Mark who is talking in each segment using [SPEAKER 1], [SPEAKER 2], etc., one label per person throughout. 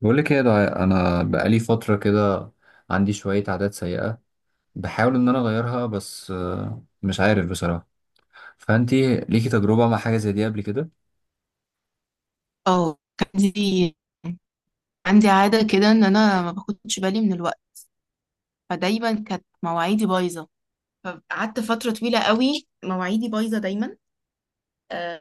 [SPEAKER 1] بقول لك ايه ده انا بقالي فتره كده. عندي شويه عادات سيئه. بحاول ان انا اغيرها بس، مش عارف بصراحه. فانتي ليكي تجربه مع حاجه زي دي قبل كده؟
[SPEAKER 2] اه، كان عندي. عندي عادة كده ان انا ما باخدش بالي من الوقت. فدايما كانت مواعيدي بايظة. فقعدت فترة طويلة قوي مواعيدي بايظة دايما. آه،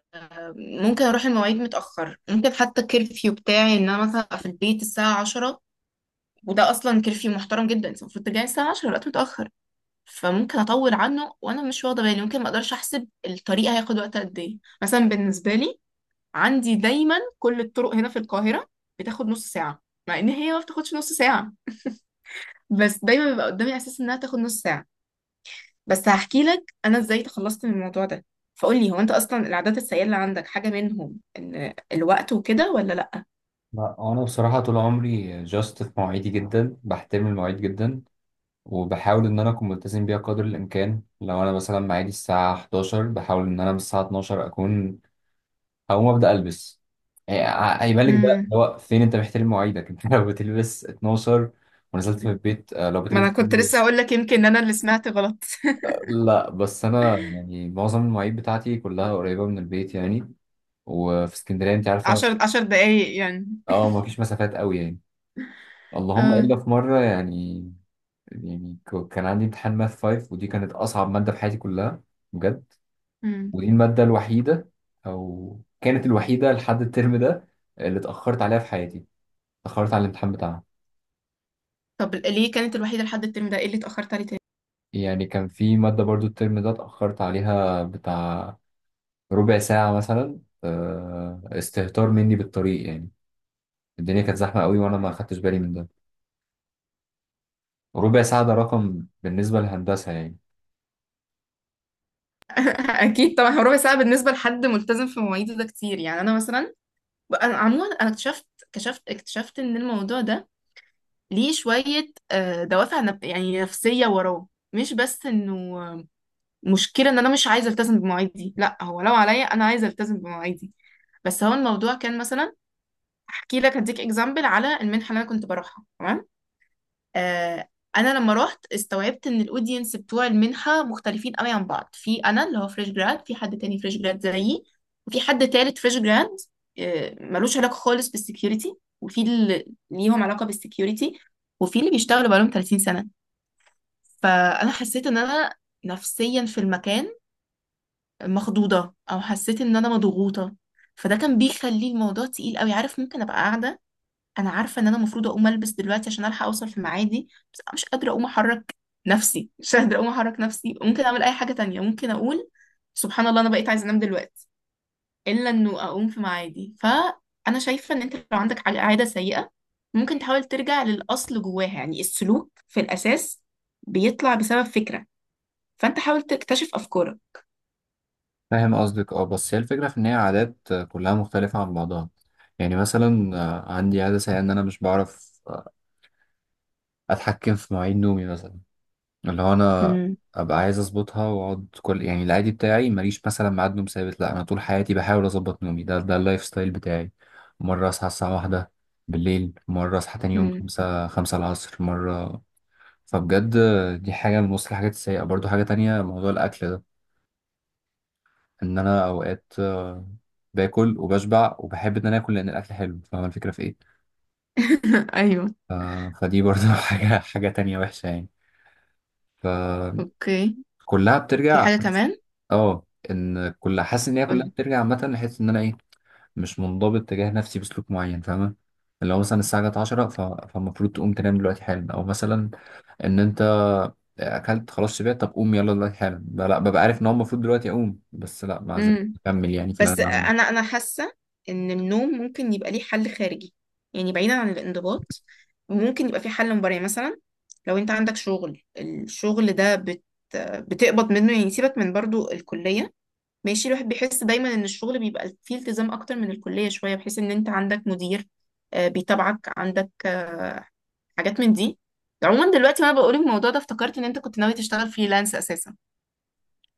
[SPEAKER 2] ممكن اروح المواعيد متأخر، ممكن حتى الكرفيو بتاعي ان انا مثلا ابقى في البيت الساعة 10. وده اصلا كرفيو محترم جدا، انت المفروض ترجعي الساعة 10، الوقت متأخر. فممكن اطول عنه وانا مش واخدة بالي، ممكن ما اقدرش احسب الطريق هياخد وقت قد ايه مثلا بالنسبة لي. عندي دايما كل الطرق هنا في القاهرة بتاخد نص ساعة، مع ان هي ما بتاخدش نص ساعة، بس دايما بيبقى قدامي احساس انها تاخد نص ساعة. بس هحكي لك انا ازاي تخلصت من الموضوع ده. فقول لي، هو انت اصلا العادات السيئة اللي عندك حاجة منهم ان الوقت وكده ولا لا؟
[SPEAKER 1] لا، انا بصراحه طول عمري جاست في مواعيدي، جدا بحترم المواعيد جدا، وبحاول ان انا اكون ملتزم بيها قدر الامكان. لو انا مثلا ميعادي الساعه 11، بحاول ان انا من الساعه 12 اكون هقوم ابدا البس. يعني هيبان لك ده
[SPEAKER 2] امم.
[SPEAKER 1] اللي هو فين انت محترم مواعيدك. انت لو بتلبس 12 ونزلت من البيت، لو
[SPEAKER 2] ما انا
[SPEAKER 1] بتلبس...
[SPEAKER 2] كنت لسه هقول لك، يمكن انا اللي سمعت غلط.
[SPEAKER 1] لا بس انا يعني معظم المواعيد بتاعتي كلها قريبه من البيت يعني، وفي اسكندريه انت عارفه.
[SPEAKER 2] عشر عشر دقايق يعني.
[SPEAKER 1] اه، ما فيش مسافات قوي يعني. اللهم
[SPEAKER 2] اه.
[SPEAKER 1] الا في مره يعني. يعني كان عندي امتحان ماث 5، ودي كانت اصعب ماده في حياتي كلها، بجد.
[SPEAKER 2] امم.
[SPEAKER 1] ودي الماده الوحيده، او كانت الوحيده لحد الترم ده، اللي اتاخرت عليها في حياتي. اتاخرت على الامتحان بتاعها.
[SPEAKER 2] طب ليه كانت الوحيدة لحد الترم ده؟ ايه اللي اتأخرت عليه تاني؟
[SPEAKER 1] يعني كان في ماده برضو الترم ده اتاخرت عليها بتاع ربع ساعه مثلا. استهتار مني بالطريق يعني. الدنيا كانت زحمة قوي وأنا ما خدتش بالي من ده. ربع ساعة ده رقم بالنسبة للهندسة يعني.
[SPEAKER 2] اكيد طبعا، هو ربع ساعة بالنسبة لحد ملتزم في مواعيده ده كتير، يعني انا مثلا. انا عموما انا اكتشفت ان الموضوع ده ليه شويه دوافع يعني نفسيه وراه، مش بس انه مشكله ان انا مش عايزه التزم بمواعيدي. لا هو لو عليا انا عايزه التزم بمواعيدي. بس هو الموضوع كان مثلا. احكي لك هديك اكزامبل على المنحه اللي انا كنت بروحها، تمام. آه، انا لما رحت، استوعبت ان الاودينس بتوع المنحه مختلفين قوي عن بعض. في انا اللي هو فريش جراد، في حد تاني فريش جراد زيي، وفي حد تالت فريش جراد ملوش علاقه خالص بالسكيورتي، وفي اللي ليهم علاقه بالسكيورتي، وفي اللي بيشتغلوا بقالهم 30 سنه. فانا حسيت ان انا نفسيا في المكان مخضوضه، او حسيت ان انا مضغوطه. فده كان بيخلي الموضوع تقيل قوي، عارف؟ ممكن ابقى قاعده. انا عارفه ان انا المفروض اقوم البس دلوقتي عشان الحق اوصل في ميعادي. بس انا مش قادره اقوم احرك نفسي، مش قادره اقوم احرك نفسي. ممكن اعمل اي حاجه تانية، ممكن اقول سبحان الله، انا بقيت عايزه انام دلوقتي الا انه اقوم في ميعادي. فانا شايفه ان انت لو عندك عاده سيئه، ممكن تحاول ترجع للاصل جواها، يعني السلوك في الاساس بيطلع بسبب فكره. فانت حاول تكتشف افكارك.
[SPEAKER 1] فاهم قصدك. اه، بس هي الفكرة في إن هي عادات كلها مختلفة عن بعضها. يعني مثلا عندي عادة سيئة إن أنا مش بعرف أتحكم في مواعيد نومي مثلا. اللي هو أنا
[SPEAKER 2] امم.
[SPEAKER 1] أبقى عايز أظبطها وأقعد. كل يعني العادي بتاعي ماليش مثلا ميعاد نوم ثابت. لأ، أنا طول حياتي بحاول أظبط نومي، ده اللايف ستايل بتاعي. مرة أصحى الساعة واحدة بالليل، مرة أصحى تاني يوم
[SPEAKER 2] امم.
[SPEAKER 1] خمسة العصر، مرة. فبجد دي حاجة من وسط الحاجات السيئة. برضو حاجة تانية، موضوع الأكل ده. إن أنا أوقات باكل وبشبع وبحب إن أنا آكل لأن الأكل حلو. فاهم الفكرة في إيه؟
[SPEAKER 2] ايوه.
[SPEAKER 1] ف- فدي برضو حاجة تانية وحشة يعني. فكلها
[SPEAKER 2] اوكي. في
[SPEAKER 1] بترجع.
[SPEAKER 2] حاجه كمان؟
[SPEAKER 1] اه، ان كل... حاسس ان هي كلها بترجع عامه لحس ان انا ايه، مش منضبط تجاه نفسي بسلوك معين، فاهمه؟ اللي هو مثلا الساعه جت 10، فالمفروض تقوم تنام دلوقتي حالا. او مثلا ان انت اكلت خلاص شبعت، طب قوم يلا دلوقتي حالا. لا لا، ببقى عارف ان هو المفروض دلوقتي اقوم، بس لا ما زلت
[SPEAKER 2] قولي.
[SPEAKER 1] اكمل يعني في اللي
[SPEAKER 2] بس
[SPEAKER 1] انا بعمله.
[SPEAKER 2] انا حاسه ان النوم ممكن يبقى ليه حل خارجي، يعني بعيدا عن الانضباط. ممكن يبقى في حل مباري مثلا. لو انت عندك شغل، الشغل ده بتقبض منه، يعني سيبك من برضو الكليه. ماشي، الواحد بيحس دايما ان الشغل بيبقى فيه التزام اكتر من الكليه شويه، بحيث ان انت عندك مدير بيتابعك، عندك حاجات من دي. عموما دلوقتي وانا بقول الموضوع ده، افتكرت ان انت كنت ناوي تشتغل فريلانس اساسا.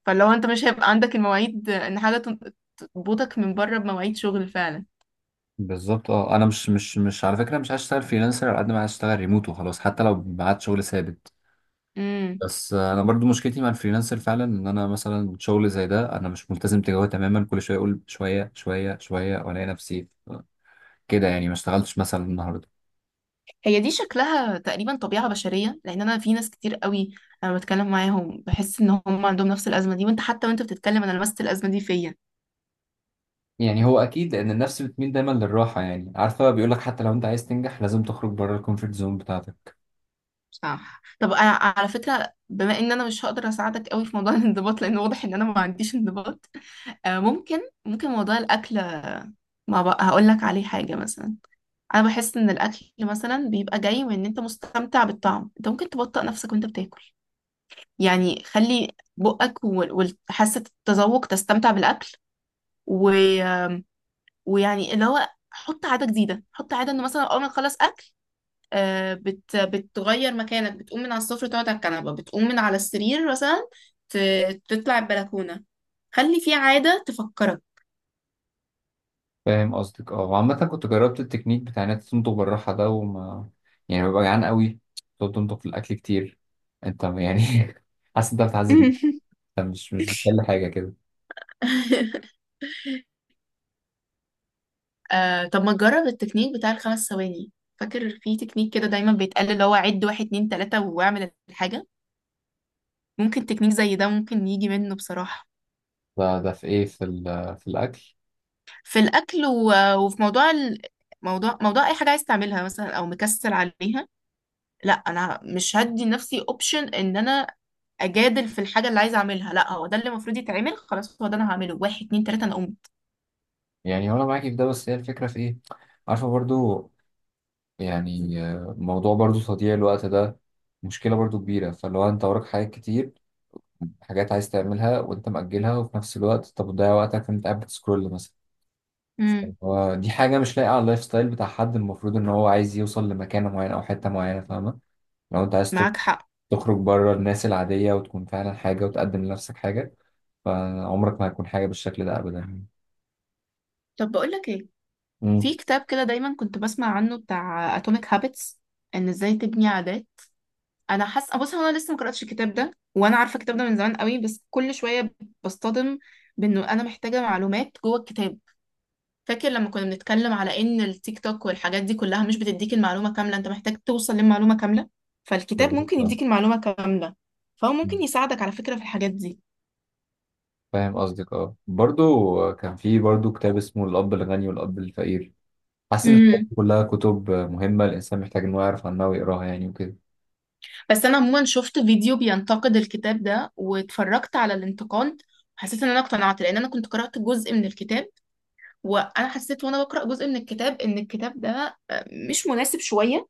[SPEAKER 2] فلو انت مش هيبقى عندك المواعيد ان حاجة تربطك من بره بمواعيد شغل فعلا.
[SPEAKER 1] بالظبط. اه، انا مش على فكره مش عايز اشتغل فريلانسر على قد ما عايز اشتغل ريموت وخلاص، حتى لو بعد شغل ثابت.
[SPEAKER 2] امم.
[SPEAKER 1] بس انا برضو مشكلتي مع الفريلانسر فعلا ان انا مثلا شغل زي ده انا مش ملتزم تجاهه تماما. كل شويه اقول شويه شويه شويه، والاقي نفسي كده يعني ما اشتغلتش مثلا النهارده.
[SPEAKER 2] هي دي شكلها تقريبا طبيعة بشرية، لان انا في ناس كتير قوي انا بتكلم معاهم بحس ان هم عندهم نفس الازمة دي. وانت حتى، وانت بتتكلم، انا لمست الازمة دي فيا.
[SPEAKER 1] يعني هو اكيد لان النفس بتميل دايما للراحه يعني. عارفه، بيقول لك حتى لو انت عايز تنجح لازم تخرج بره الكومفورت زون بتاعتك.
[SPEAKER 2] صح. طب أنا على فكرة، بما ان انا مش هقدر اساعدك قوي في موضوع الانضباط، لان واضح ان انا ما عنديش انضباط. آه، ممكن ممكن موضوع الاكل، ما بقى هقول لك عليه حاجة مثلا. انا بحس ان الاكل مثلا بيبقى جاي من ان انت مستمتع بالطعم. انت ممكن تبطئ نفسك وانت بتاكل، يعني خلي بقك وحاسه التذوق تستمتع بالاكل. و... ويعني اللي هو حط عاده جديده، حط عاده ان مثلا اول ما تخلص اكل بتغير مكانك، بتقوم من على السفره تقعد على الكنبه، بتقوم من على السرير مثلا، ت... تطلع البلكونه. خلي في عاده تفكرك.
[SPEAKER 1] فاهم قصدك. اه، وعامة كنت جربت التكنيك بتاع انك تنضغ بالراحة ده، وما... يعني ببقى جعان قوي، تقعد تنضغ في الأكل كتير، انت يعني... حاسس انت بتعذب نفسك. انت مش بتحل حاجة كده.
[SPEAKER 2] طب ما تجرب التكنيك بتاع الخمس ثواني. فاكر في تكنيك كده دايما بيتقال، اللي هو عد واحد اتنين تلاتة واعمل الحاجة. ممكن تكنيك زي ده ممكن يجي منه بصراحة.
[SPEAKER 1] ده في ايه؟ في في الأكل؟
[SPEAKER 2] في الأكل، وفي موضوع موضوع أي حاجة عايز تعملها مثلا أو مكسل عليها. لا، أنا مش هدي لنفسي أوبشن إن أنا أجادل في الحاجة اللي عايزة أعملها. لا، هو ده اللي المفروض يتعمل، خلاص هو ده أنا هعمله. واحد، اتنين، تلاتة، أنا قمت.
[SPEAKER 1] يعني هو انا معاكي في ده، بس هي الفكرة في ايه؟ عارفة برضو، يعني موضوع برضو تضييع الوقت ده مشكلة برضو كبيرة. فاللي هو انت وراك حاجات كتير، حاجات عايز تعملها وانت مأجلها، وفي نفس الوقت طب بتضيع وقتك انت قاعد بتسكرول مثلا.
[SPEAKER 2] امم.
[SPEAKER 1] هو دي حاجة مش لايقة على اللايف ستايل بتاع حد المفروض إن هو عايز يوصل لمكانة معينة أو حتة معينة، فاهمة؟ لو أنت عايز
[SPEAKER 2] معاك حق.
[SPEAKER 1] تخرج بره الناس العادية وتكون فعلا حاجة وتقدم لنفسك حاجة. فعمرك ما هتكون حاجة بالشكل ده أبدا يعني.
[SPEAKER 2] طب بقول لك إيه.
[SPEAKER 1] امم.
[SPEAKER 2] في كتاب كده دايما كنت بسمع عنه، بتاع اتوميك هابتس، ان ازاي تبني عادات. انا حاسه، بص، هو انا لسه ما قراتش الكتاب ده، وانا عارفه الكتاب ده من زمان قوي، بس كل شويه بصطدم بانه انا محتاجه معلومات جوه الكتاب. فاكر لما كنا بنتكلم على ان التيك توك والحاجات دي كلها مش بتديك المعلومه كامله، انت محتاج توصل للمعلومه كامله. فالكتاب
[SPEAKER 1] بالظبط،
[SPEAKER 2] ممكن
[SPEAKER 1] آه.
[SPEAKER 2] يديك المعلومه كامله. فهو
[SPEAKER 1] مم.
[SPEAKER 2] ممكن يساعدك على فكره في الحاجات
[SPEAKER 1] فاهم قصدك. أه، برضو كان في برضو كتاب اسمه الأب الغني والأب الفقير. حاسس
[SPEAKER 2] دي.
[SPEAKER 1] إن الحاجات دي كلها كتب مهمة، الإنسان محتاج إن هو يعرف عنها ويقراها يعني وكده.
[SPEAKER 2] بس انا عموما شفت فيديو بينتقد الكتاب ده، واتفرجت على الانتقاد، حسيت ان انا اقتنعت. لان انا كنت قرأت جزء من الكتاب، وانا حسيت وانا بقرأ جزء من الكتاب ان الكتاب ده مش مناسب شوية.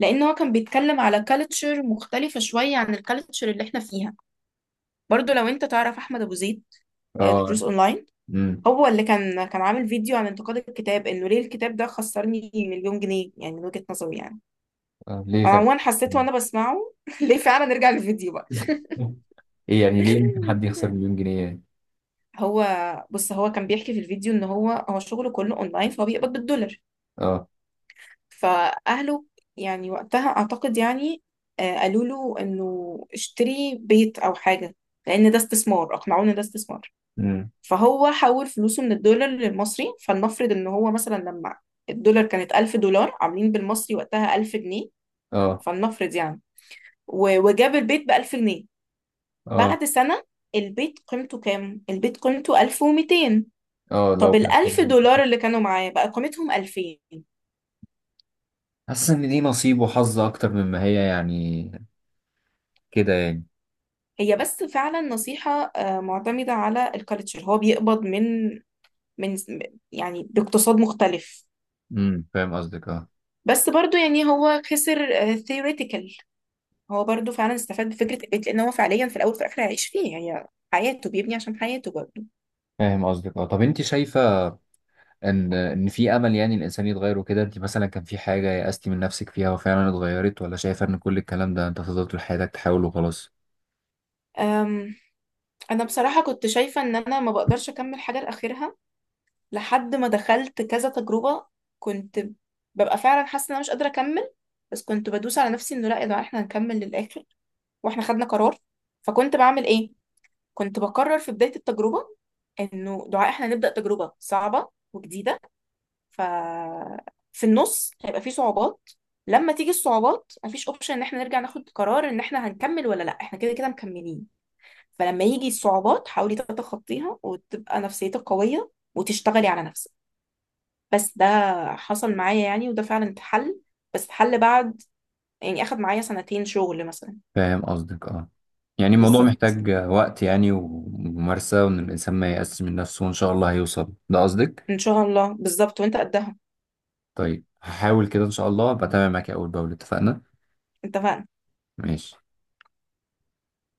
[SPEAKER 2] لان هو كان بيتكلم على كالتشر مختلفة شوية عن الكالتشر اللي احنا فيها. برضو لو انت تعرف احمد ابو زيد، دروس
[SPEAKER 1] أه.
[SPEAKER 2] اونلاين.
[SPEAKER 1] امم.
[SPEAKER 2] هو اللي كان عامل فيديو عن انتقاد الكتاب، انه ليه الكتاب ده خسرني مليون جنيه، يعني من وجهة نظري يعني.
[SPEAKER 1] آه، ليه
[SPEAKER 2] انا
[SPEAKER 1] فعلا؟
[SPEAKER 2] عموما حسيت وانا بسمعه. ليه فعلا. نرجع للفيديو بقى.
[SPEAKER 1] إيه يعني، ليه ممكن حد يخسر مليون جنيه يعني؟
[SPEAKER 2] هو بص، هو كان بيحكي في الفيديو ان هو شغله كله اونلاين، فهو بيقبض بالدولار.
[SPEAKER 1] اه.
[SPEAKER 2] فاهله. يعني وقتها اعتقد يعني، قالوا له انه اشتري بيت او حاجه، لان ده استثمار. اقنعوه ان ده استثمار.
[SPEAKER 1] امم.
[SPEAKER 2] فهو حول فلوسه من الدولار للمصري. فلنفرض ان هو مثلا، لما الدولار كانت 1000 دولار عاملين بالمصري، وقتها 1000 جنيه.
[SPEAKER 1] اه،
[SPEAKER 2] فلنفرض يعني، وجاب البيت ب 1000 جنيه.
[SPEAKER 1] اه،
[SPEAKER 2] بعد سنه البيت قيمته كام؟ البيت قيمته 1200.
[SPEAKER 1] اه، لو
[SPEAKER 2] طب
[SPEAKER 1] كان
[SPEAKER 2] الألف
[SPEAKER 1] سلام.
[SPEAKER 2] دولار اللي كانوا معاه بقى قيمتهم 2000.
[SPEAKER 1] حاسس ان دي نصيب وحظ اكتر مما هي يعني كده يعني.
[SPEAKER 2] هي بس فعلا نصيحة معتمدة على الكالتشر. هو بيقبض من يعني باقتصاد مختلف.
[SPEAKER 1] امم، فاهم قصدك. اه.
[SPEAKER 2] بس برضو يعني هو خسر ثيوريتيكال. هو برضو فعلا استفاد بفكرة البيت، لأن هو فعليا في الأول وفي الآخر هيعيش فيه. هي حياته، بيبني عشان حياته برضو.
[SPEAKER 1] فاهم قصدك. اه، طب انت شايفه ان في امل يعني الانسان يتغير وكده؟ انت مثلا كان في حاجه يأستي من نفسك فيها وفعلا اتغيرت، ولا شايفه ان كل الكلام ده انت هتفضل طول حياتك تحاول وخلاص؟
[SPEAKER 2] أم، أنا بصراحة كنت شايفة إن أنا ما بقدرش أكمل حاجة لآخرها، لحد ما دخلت كذا تجربة. كنت ببقى فعلا حاسة ان انا مش قادرة اكمل. بس كنت بدوس على نفسي انه لا يا جماعة، احنا هنكمل للآخر، واحنا خدنا قرار. فكنت بعمل ايه؟ كنت بقرر في بداية التجربة انه دعاء احنا هنبدأ تجربة صعبة وجديدة. ف في النص هيبقى في صعوبات. لما تيجي الصعوبات، مفيش اوبشن ان احنا نرجع ناخد قرار ان احنا هنكمل ولا لا، احنا كده كده مكملين. فلما يجي الصعوبات حاولي تتخطيها وتبقى نفسيتك قوية وتشتغلي على نفسك. بس ده حصل معايا يعني، وده فعلا اتحل. بس اتحل بعد يعني، اخد معايا سنتين شغل مثلا.
[SPEAKER 1] فاهم قصدك. اه، يعني الموضوع
[SPEAKER 2] بالظبط،
[SPEAKER 1] محتاج وقت يعني، وممارسه، وان الانسان ما يأسش من نفسه وان شاء الله هيوصل. ده قصدك؟
[SPEAKER 2] ان شاء الله بالظبط وانت قدها
[SPEAKER 1] طيب هحاول كده ان شاء الله. بتابع معاك اول باول، اتفقنا؟
[SPEAKER 2] انت.
[SPEAKER 1] ماشي.